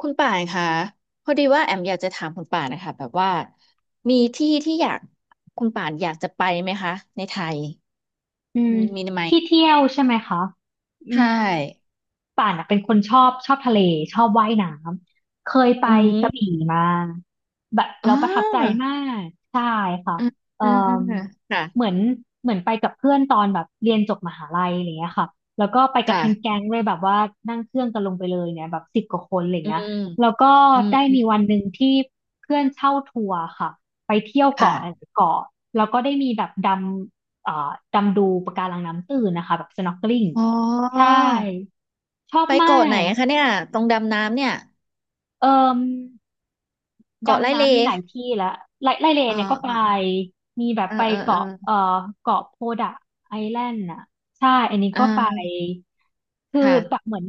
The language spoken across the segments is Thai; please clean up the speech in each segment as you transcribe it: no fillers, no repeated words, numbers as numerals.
คุณป่านคะพอดีว่าแอมอยากจะถามคุณป่านนะคะแบบว่ามีที่ที่อยากคุณป่านอยากจะไปไหมคะในไทยอือืมมมีไหมที่เที่ยวใช่ไหมคะอืใช่ม ป่านอะเป็นคนชอบทะเลชอบว่ายน้ำเคยไปอืกระมบี่มาแบบอ่เราประทับใจามากใช่ค่ะอืมเอ่ออืมอืมค่ะเหมือนเหมือนไปกับเพื่อนตอนแบบเรียนจบมหาลัยอะไรเงี้ยค่ะแล้วก็ไปกันทั้งแก๊ค่ะงเลยแบบว่านั่งเครื่องกันลงไปเลยเนี่ยแบบสิบกว่าคนอะไรอืเงี้ยมแล้วก็อืมได้อืมีวัมนหนึ่งที่เพื่อนเช่าทัวร์ค่ะไปเที่ยวเกาะหลาค่ะยๆเกาะแล้วก็ได้มีแบบดำดำดูปะการังน้ำตื้นนะคะแบบ snorkeling อ๋ใช่ อชอบไปมาเกาะไหนกอะคะเนี่ยตรงดำน้ำเนี่ยเอ่มเกาะไร่ดำเลน้ำมีหลายที่ละไล่เลอ่าเนี่ยก็ไปอ่ามีแบบอ่าไปอ่าอ่าเกาะเกาะโพดะไอแลนด์อ่ะใช่อันนี้ก็ไปอ่าคือแบบค่ะเหมือน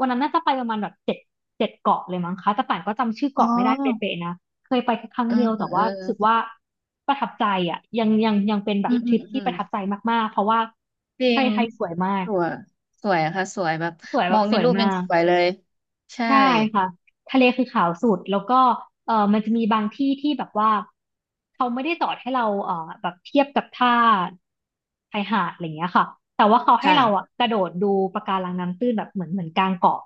วันนั้นน่าจะไปประมาณแบบเจ็ดเกาะเลยมั้งคะแต่ป่านก็จำชื่ออ๋เกาะไม่ได้อเป๊ะๆนะเคยไปแค่ครั้งเออเดียวเอแต่อเอว่ารู้สึกอว่าประทับใจอ่ะยังเป็นแบอืบมทอืริมปอืที่ปม ระทับใจมากๆเพราะว่าจริไทยงไทยสวยมากสวยสวยอะค่ะสวยแบบสวยแบมอบงสในวยรูปมายังก สวยเลยใช่ใช่ค่ะทะเลคือขาวสุดแล้วก็เออมันจะมีบางที่ที่แบบว่าเขาไม่ได้สอนให้เราเออแบบเทียบกับท่าชายหาดอะไรอย่างเงี้ยค่ะแต่ว่าเขาให้เราอะค่ะกระโดดดูปะการังน้ำตื้นแบบเหมือนกลางเกาะ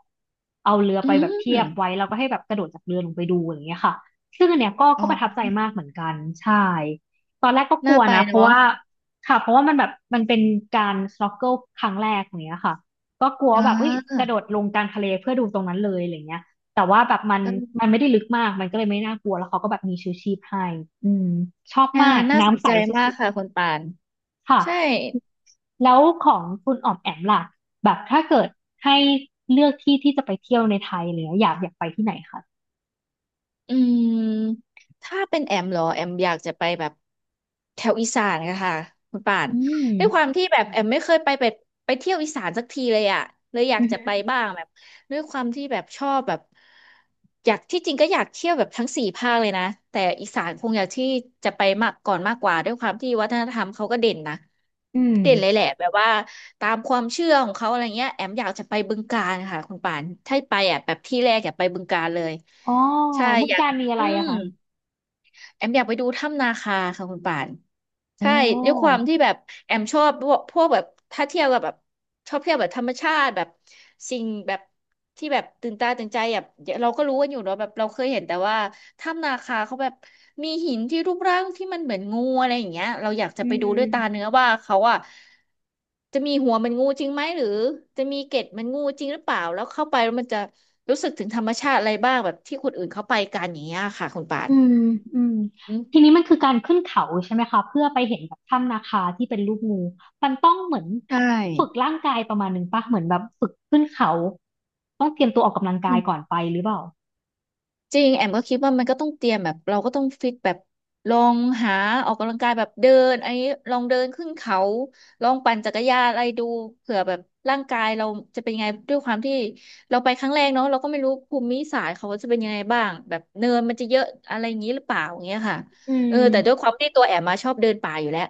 เอาเรืออืไปแบบเทีมยบไว้แล้วก็ให้แบบกระโดดจากเรือลงไปดูอะไรอย่างเงี้ยค่ะซึ่งอันเนี้ยก็อ๋ก็อประทับใจมากเหมือนกันใช่ตอนแรกก็กน่าลัวไปนะเพราะเนาะว่าค่ะเพราะว่ามันแบบมันเป็นการ s n o เ k ิ l ครั้งแรกอย่างเงี้ยค่ะ ก็กลัวอ่าแบบเฮ้ยเออกระโดดลงกลางทะเลเพื่อดูตรงนั้นเลยอะไรเงี้ยแต่ว่าแบบมันมันไม่ได้ลึกมากมันก็เลยไม่น่ากลัวแล้วเขาก็แบบมีชูชีพให้อืมชอบอ่ามากน่าสนน้ำใสใจมากสุดค่ะคุณปานๆค่ะใช่ แล้วของคุณอ๋อมแอมล่ะแบบถ้าเกิดให้เลือกที่ที่จะไปเที่ยวในไทยเลยอยากไปที่ไหนคะอืมถ้าเป็นแอมเหรอแอมอยากจะไปแบบแถวอีสานค่ะค่ะคุณป่านอืมด้วยความที่แบบแอมไม่เคยไปแบบไปเที่ยวอีสานสักทีเลยอ่ะเลยอยากอือจะฮึไปบ้างแบบด้วยความที่แบบชอบแบบอยากที่จริงก็อยากเที่ยวแบบทั้งสี่ภาคเลยนะแต่อีสานคงอยากที่จะไปมากก่อนมากกว่าด้วยความที่วัฒนธรรมเขาก็เด่นนะอืมเด่นเลยแหละแบบว่าตามความเชื่อของเขาอะไรเงี้ยแอมอยากจะไปบึงกาฬค่ะคุณป่านถ้าไปอ่ะแบบที่แรกอยากไปบึงกาฬเลย อ๋อใช่เมือองยากการมีอะอืไรอะม คะแอมอยากไปดูถ้ำนาคาค่ะคุณป่านใช่โอ้ด้วยความที่แบบแอมชอบพวกแบบถ้าเที่ยวกับแบบชอบเที่ยวแบบธรรมชาติแบบสิ่งแบบที่แบบตื่นตาตื่นใจแบบเราก็รู้กันอยู่เนาะแบบเราเคยเห็นแต่ว่าถ้ำนาคาเขาแบบมีหินที่รูปร่างที่มันเหมือนงูอะไรอย่างเงี้ยเราอยากจะอืไปดูด้วยตาเนื้ม อว่าเขาอะจะมีหัวเหมันงูจริงไหมหรือจะมีเกล็ดเหมันงูจริงหรือเปล่าแล้วเข้าไปแล้วมันจะรู้สึกถึงธรรมชาติอะไรบ้างแบบที่คนอื่นเขาไปกันอย่างเงี้ยค่ะคุณป่าน อืมอืมทีนี้มันคือการขึ้นเขาใช่ไหมคะเพื่อไปเห็นแบบถ้ำนาคาที่เป็นรูปงูมันต้องเหมือนใชฝึก่ร่างกายประมาณหนึ่งปะเหมือนแบบฝึกขึ้นเขาต้องเตรียมตัวออกกำลังอืกายมก่อนไปหรือเปล่าจริงแอมก็คิดว่ามันก็ต้องเตรียมแบบเราก็ต้องฟิตแบบลองหาออกกำลังกายแบบเดินไอ้ลองเดินขึ้นเขาลองปั่นจักรยานอะไรดูเผื่อแบบร่างกายเราจะเป็นยังไงด้วยความที่เราไปครั้งแรกเนาะเราก็ไม่รู้ภูมิศาสตร์เขาจะเป็นยังไงบ้างแบบเนินมันจะเยอะอะไรอย่างนี้หรือเปล่าอย่างเงี้ยค่ะอืมเออแต่ด้วยความที่ตัวแอมมาชอบเดินป่าอยู่แล้ว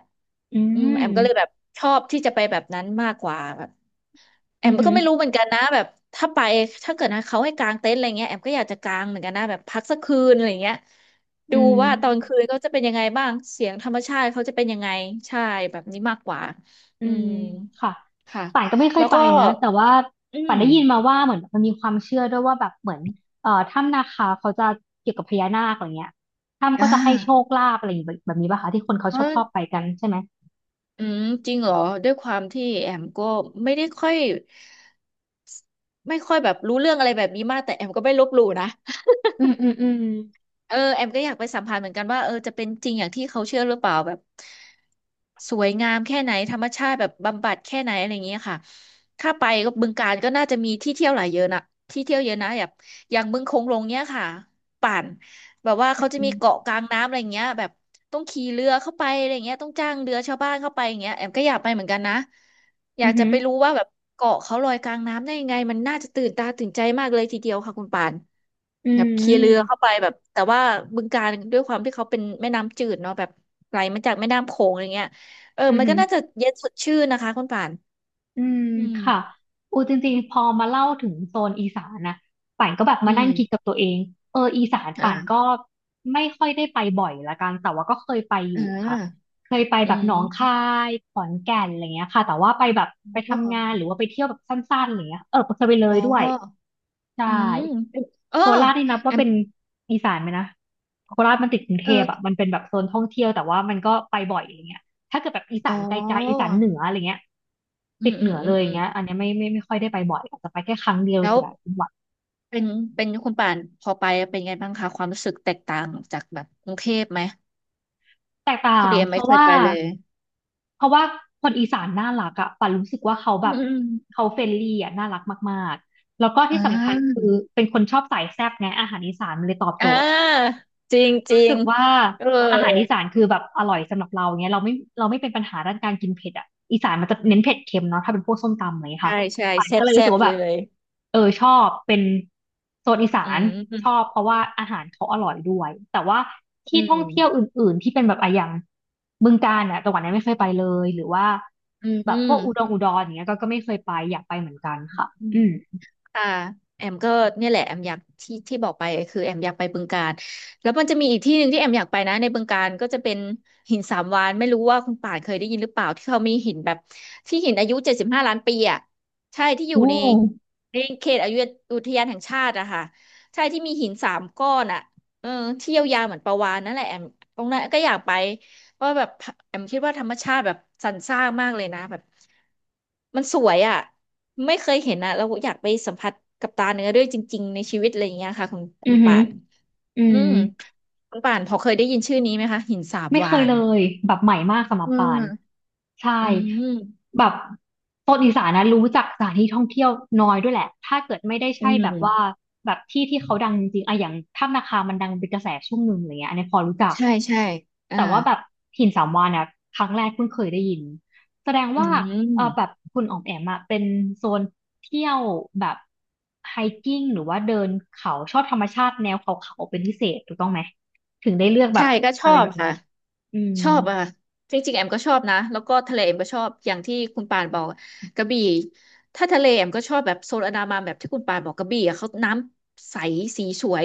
อือืมแอมมก็เลยแบบชอบที่จะไปแบบนั้นมากกว่า แออืมอหืก็อไม่รู้เหมือนกันนะแบบถ้าไปถ้าเกิดนะเขาให้กางเต็นท์อะไรเงี้ยแอมก็อยากจะกางเหมือนกันนะแบบพักสักคืนอะไรเงี้ยอืดูว่าตอนมคืนก็จะเป็นยังไงบ้างเสียงธรรมชาติเขาจะเป็นยังไงใช่แบบนี้มากกว่าอือืมมค่ะค่ะป่านก็ไม่เคแล้ยวไปก็นะแต่ว่าอืป่านมได้ยินมาว่าเหมือนมันมีความเชื่อด้วยว่าแบบเหมือนถ้ำนาคาเขาจะเกี่ยวกับพญานาคอะไรเงี้ยถ้ำก็อ่าจะให้โชคลาภอะไรอย่างแบบแบบนี้ป่ะคะที่คนเขาเพชอบราะชอบไปกันใช่ไหม อืมจริงเหรอด้วยความที่แอมก็ไม่ได้ค่อยไม่ค่อยแบบรู้เรื่องอะไรแบบนี้มากแต่แอมก็ไม่ลบหลู่นะ อืมอืมอืมเออแอมก็อยากไปสัมผัสเหมือนกันว่าเออจะเป็นจริงอย่างที่เขาเชื่อหรือเปล่าแบบสวยงามแค่ไหนธรรมชาติแบบบำบัดแค่ไหนอะไรอย่างเงี้ยค่ะถ้าไปก็บึงกาฬก็น่าจะมีที่เที่ยวหลายเยอะนะที่เที่ยวเยอะนะแบบอย่างบึงโขงหลงเนี้ยค่ะป่าน แบบว่าเขาจะอืมีมเกาะกลางน้ำอะไรเงี้ยแบบต้องขี่เรือเข้าไปอะไรเงี้ยต้องจ้างเรือชาวบ้านเข้าไปอย่างเงี้ยแอมก็อยากไปเหมือนกันนะออืยากจะมไปรู้ว่าแบบเกาะเขาลอยกลางน้ำได้ยังไงมันน่าจะตื่นตาตื่นใจมากเลยทีเดียวค่ะคุณปานอืแบบขี่เรือมเข้าไปแบบแต่ว่าบึงกาฬด้วยความที่เขาเป็นแม่น้ำจืดเนาะแบบไหลมาจากแม่น้ำโขงอะไรเงี้ยเอออืมมันอืก็ม น่าจะเย็นสดชื่นนะคะคุณปานอืมอืมค่ะอูจริงๆพอมาเล่าถึงโซนอีสานนะป่านก็แบบอืมานั่มงคิดกับตัวเองเอออีสานป่านก็อ่าไม่ค่อยได้ไปบ่อยละกันแต่ว่าก็เคยไปอยู่อ่าค่ะเคยไปอืแบบหนองคามยขอนแก่นอะไรเงี้ยค่ะแต่ว่าไปแบบไปอ๋ทำงานหอรือว่าไปเที่ยวแบบสั้นๆอะไรเงี้ยเออเคยไปเลอ๋ยอด้วยใช่อืมเออโคราชนี่นับแอว่ามเป็นอีสานไหมนะโคราชมันติดกรุงเทพอะเออ มันเป็นแบบโซนท่องเที่ยวแต่ว่ามันก็ไปบ่อยอะไรเงี้ย ถ้าเกิดแบบอีอ๋สาอนไกลๆอีสานเหนืออะไรเงี้ยอืติดม เหอืนืม ออืเลมยออืย่างมเงี้ยอันเนี้ยไม่ค่อยได้ไปบ่อยอาจจะไปแค่ครั้งเดียวแล้วแต่ละจังหวัดเป็นเป็นคุณป่านพอไปเป็นไงบ้างคะความรู้สึกแตกต่างจากแบบกรุงเทพไหมแตกพต่าองดีเอ็มเพไม่ราะเคยว่าไปเลยเพราะว่าคนอีสานน่ารักอะป่นรู้สึกว่าเขาแบอืบมเขาเฟรนลี่อะน่ารักมากๆแล้วก็อ่ที่สำคัญาคือเป็นคนชอบสายแซ่บไงอาหารอีสานมันเลยตอบโจอ่ทย์ าจริงจริรู้งสึกว่าเอออาหารอีสานคือแบบอร่อยสำหรับเราเงี้ยเราไม่เป็นปัญหาด้านการกินเผ็ดอ่ะอีสานมันจะเน้นเผ็ดเค็มเนาะถ้าเป็นพวกส้มตำอะไรเงี้ยค่ะใช่ใช่ป่านแซ่ก็บเลยรู้แซ่สึกบว่าเลแบบย เออชอบเป็นโซนอีสาอืนม อืมชอบเพราะว่าอาหารเขาอร่อยด้วยแต่ว่าที่อท่องเที่ยวอื่นๆที่เป็นแบบอะอย่างบึงกาฬอ่ะจังหวัดนั้นไม่เคยไปเลยหรือว่าืแบบพมอวกอุดรอย่างเงี้ยก็ไม่เคยไปอยากไปเหมือนกันค่ะืม อืมค่ะแอมก็เนี่ยแหละแอมอยากที่ที่บอกไปคือแอมอยากไปบึงกาฬแล้วมันจะมีอีกที่หนึ่งที่แอมอยากไปนะในบึงกาฬก็จะเป็นหินสามวาฬไม่รู้ว่าคุณป่านเคยได้ยินหรือเปล่าที่เขามีหินแบบที่หินอายุ75 ล้านปีอ่ะใช่ที่อยู่โอ้ในเขตอายุอุทยานแห่งชาติอะค่ะใช่ที่มีหินสามก้อนอะเออที่ยาวๆเหมือนปลาวาฬนั่นแหละแอมตรงนั้นก็อยากไป ว่าะแบบแอมคิดว่าธรรมชาติแบบสรรสร้างมากเลยนะแบบมันสวยอ่ะไม่เคยเห็นอ่ะเราอยากไปสัมผัสกับตาเนื้อด้วยจริงๆในชีวิตอะไรอย่างเงี้ยค่ะคุณอืคุอณหืป่าอนอือืม มคุณป่านพอเคยได้ยินชื่อนี้ไหมคะหินสาบไม่เควายนเลยแบบใหม่มากสำหรับอืปานมใช่อืมแบบโซนอีสานนะรู้จักสถานที่ท่องเที่ยวน้อยด้วยแหละถ้าเกิดไม่ได้อืใช่มแบบว่าแบบที่เขาดังจริงๆอะอย่างถ้ำนาคามันดังเป็นกระแสช่วงหนึ่งอะไรเงี้ยอันนี้พอรู้จักใช่ใช่อ่าแต่ว่าแบบหินสามวาฬนะครั้งแรกเพิ่งเคยได้ยินแสดงอืว่าเออแบบมคุณอ๋อมแอมอะเป็นโซนเที่ยวแบบไฮกิ้งหรือว่าเดินเขาชอบธรรมชาติแนวเขาๆเป็นพิเศษถูกต้องไหมถึงได้เลือกแบใช่บก็ชอะอไรบแบบค่ะ นี้ อืม ชอบอะค่ะจริงๆแอมก็ชอบนะแล้วก็ทะเลแอมก็ชอบอย่างที่คุณปานบอกกระบี่ถ้าทะเลแอมก็ชอบแบบโซนอันดามันแบบที่คุณปานบอกกระบี่อะเขาน้ำใสสีสวย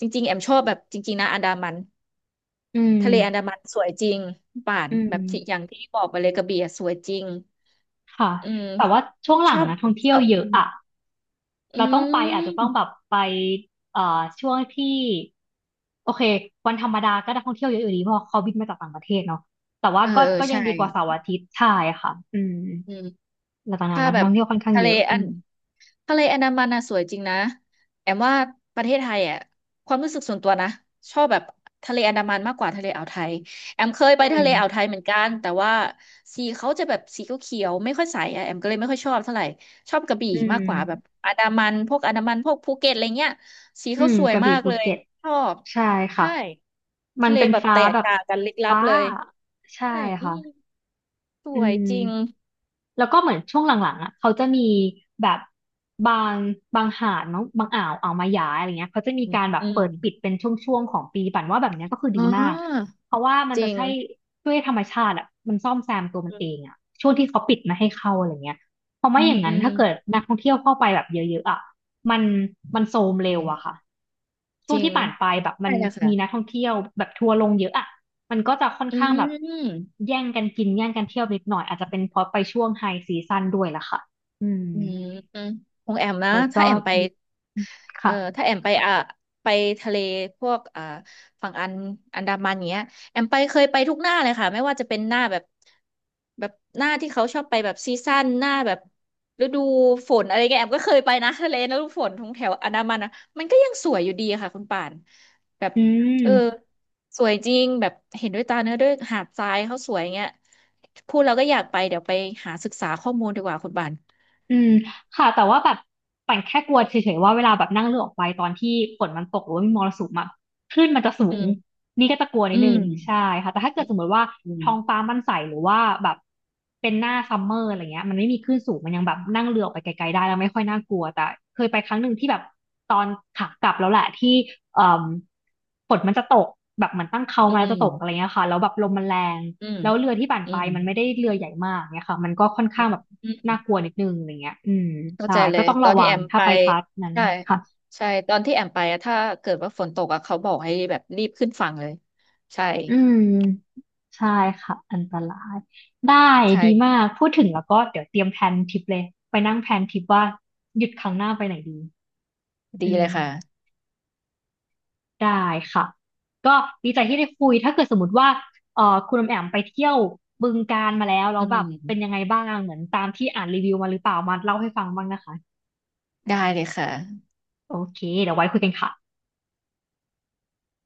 จริงๆแอมชอบแบบจริงๆนะอันดามันอืมทะเลอันดามันสวยจริงคุณป่านอืแบบที่อย่ามงที่บอกไปเลยกระบี่อะสวยจริงค่ะ อืมแต่ว่าช่วงหชลัองบนะท่องชเที่ยวอบเยอือะมอะอืเราต้องไปอาจจะต้องแบมบไปเอ่อช่วงที่โอเควันธรรมดาก็ได้ท่องเที่ยวเยอะอยู่ดีเพราะเขาบินมาจากต่างประเทศเนาะแต่ว่าเออก็เออก็ยัใช่งดีกว่าเสาร์อาทิตย์ใช่ค่ะอืมอืม แล้วตอนนั้นถ้านะแบนักบท่องเที่ยวค่อนข้างทะเลเยอะอัอืนมทะเลอันดามันน่ะสวยจริงนะแอมว่าประเทศไทยอ่ะความรู้สึกส่วนตัวนะชอบแบบทะเลอันดามันมากกว่าทะเลอ่าวไทยแอมเคยไปอืทะมเลอ่าวไทยเหมือนกันแต่ว่าสีเขาจะแบบสีเขียวๆไม่ค่อยใสอ่ะแอมก็เลยไม่ค่อยชอบเท่าไหร่ชอบกระบี่อืมากมกว่าแบบอันดามันพวกอันดามันพวกภูเก็ตอะไรเงี้ยสีอืเขามสวยกระมาบี่กภูเลยเก็ตชอบใช่ค่ะ ใช่มัทะนเลเป็นแบบฟ้าแตกแบบต่างกันลึกลับฟ้าเลยใช่ใช่อืค่ะมสอืวยจริงม แล้วก็เหมือนช่วงหลังๆอ่ะเขาจะมีแบบบางบางหาดมั้งบางอ่าวอ่าวมายาอะไรเงี้ยเขาจะมีอืมการแบบอืเปิมดปิดเป็นช่วงๆของปีปั่นว่าแบบเนี้ยก็คือดีอ๋มากอเพราะว่ามันจจะริง ใช่ด้วยธรรมชาติอ่ะมันซ่อมแซมตัวมันอืเองมอ่ะช่วงที่เขาปิดไมาให้เข้าอะไรเงี้ยเพราะอืไม่อมย่างอืนั้นม ถ้าเกิดนักท่องเที่ยวเข้าไปแบบเยอะๆอ่ะมันมันโทรมเร็วอะค่ะช่จวงริงที่ผ่านไปแบบมัใช่นอะมีนักค่ะท่องเที่ยวแบบทัวร์ลงเยอะอะ มันก็จะค่อนอืข้างแบบมแย่องกันกินแย่งกันเที่ยวนิดหน่อยอาจจะเป็นเพราะไปช่วงไฮซีซั่นด้วยล่ะค่ะอืมืมอืมของแอมนะ แต่ถ้าก็แอมไป เออค่ะถ้าแอมไปอ่ะไปทะเลพวกอ่าฝั่งอันดามันเงี้ยแอมไปเคยไปทุกหน้าเลยค่ะไม่ว่าจะเป็นหน้าแบบแบบหน้าที่เขาชอบไปแบบซีซั่นหน้าแบบฤดูฝนอะไรเงี้ยแอมก็เคยไปนะทะเลนะฤดูฝนทงแถวอันดามันนะมันก็ยังสวยอยู่ดีอะค่ะคุณป่านแบบอืม เออสวยจริงแบบเห็นด้วยตาเนื้อด้วยหาดทรายเขาสวยเงี้ยพูดเราก็อยากไปเดี๋ยวไปหาศึกษาข้อมูลดีกว่าคุณป่านอืมค่ะแต่ว่าแบบปั่นแค่กลัวเฉยๆว่าเวลาแบบนั่งเรือออกไปตอนที่ฝนมันตกหรือว่ามีมรสุมอะคลื่นมันจะสูอืงมนี่ก็จะกลัวนิอืดนึงมใช่ค่ะแต่ถ้าเกิดสมมติว่าอืมท้องฟ้ามันใสหรือว่าแบบเป็นหน้าซัมเมอร์อะไรเงี้ยมันไม่มีคลื่นสูงมันยังแบบนั่งเรือออกไปไกลๆได้แล้วไม่ค่อยน่ากลัวแต่เคยไปครั้งหนึ่งที่แบบตอนขากลับแล้วแหละที่เอ่อฝนมันจะตกแบบเหมือนตั้งเขาอืมาแล้วจะตกอะไรม เงี้ยค่ะแล้วแบบลมมันแรง อืมแล้วเรือที่ปั่นอืไปมมันไม่ได้เรือใหญ่มากเนี่ยค่ะมันก็ค่อนอืข้างมแบบอืน่ามกลัวนิดนึงอะไรเงี้ยอืมเข้าใช่ใจเลก็ยต้องตอระนที่วัแองมถ้าไปไปพัทนั้นใช่ค่ะใช่ตอนที่แอมไปอะถ้าเกิดว่าฝนตกอะเขาบอกให้แบบรีบขึ้นฝั่งเลยใช่อืมใช่ค่ะอันตรายได้ใช่ดีมากพูดถึงแล้วก็เดี๋ยวเตรียมแพลนทริปเลยไปนั่งแพลนทริปว่าหยุดครั้งหน้าไปไหนดีดีอืมเลยค่ะได้ค่ะก็ดีใจที่ได้คุยถ้าเกิดสมมติว่าคุณอมแอมไปเที่ยวบึงกาฬมาแล้วแล้อืวแบบเป็นมยังไงบ้างเหมือนตามที่อ่านรีวิวมาหรือเปล่ามาเล่าให้ฟังบ้างนะคะได้เลยค่ะโอเคเดี๋ยวไว้คุยกันค่ะ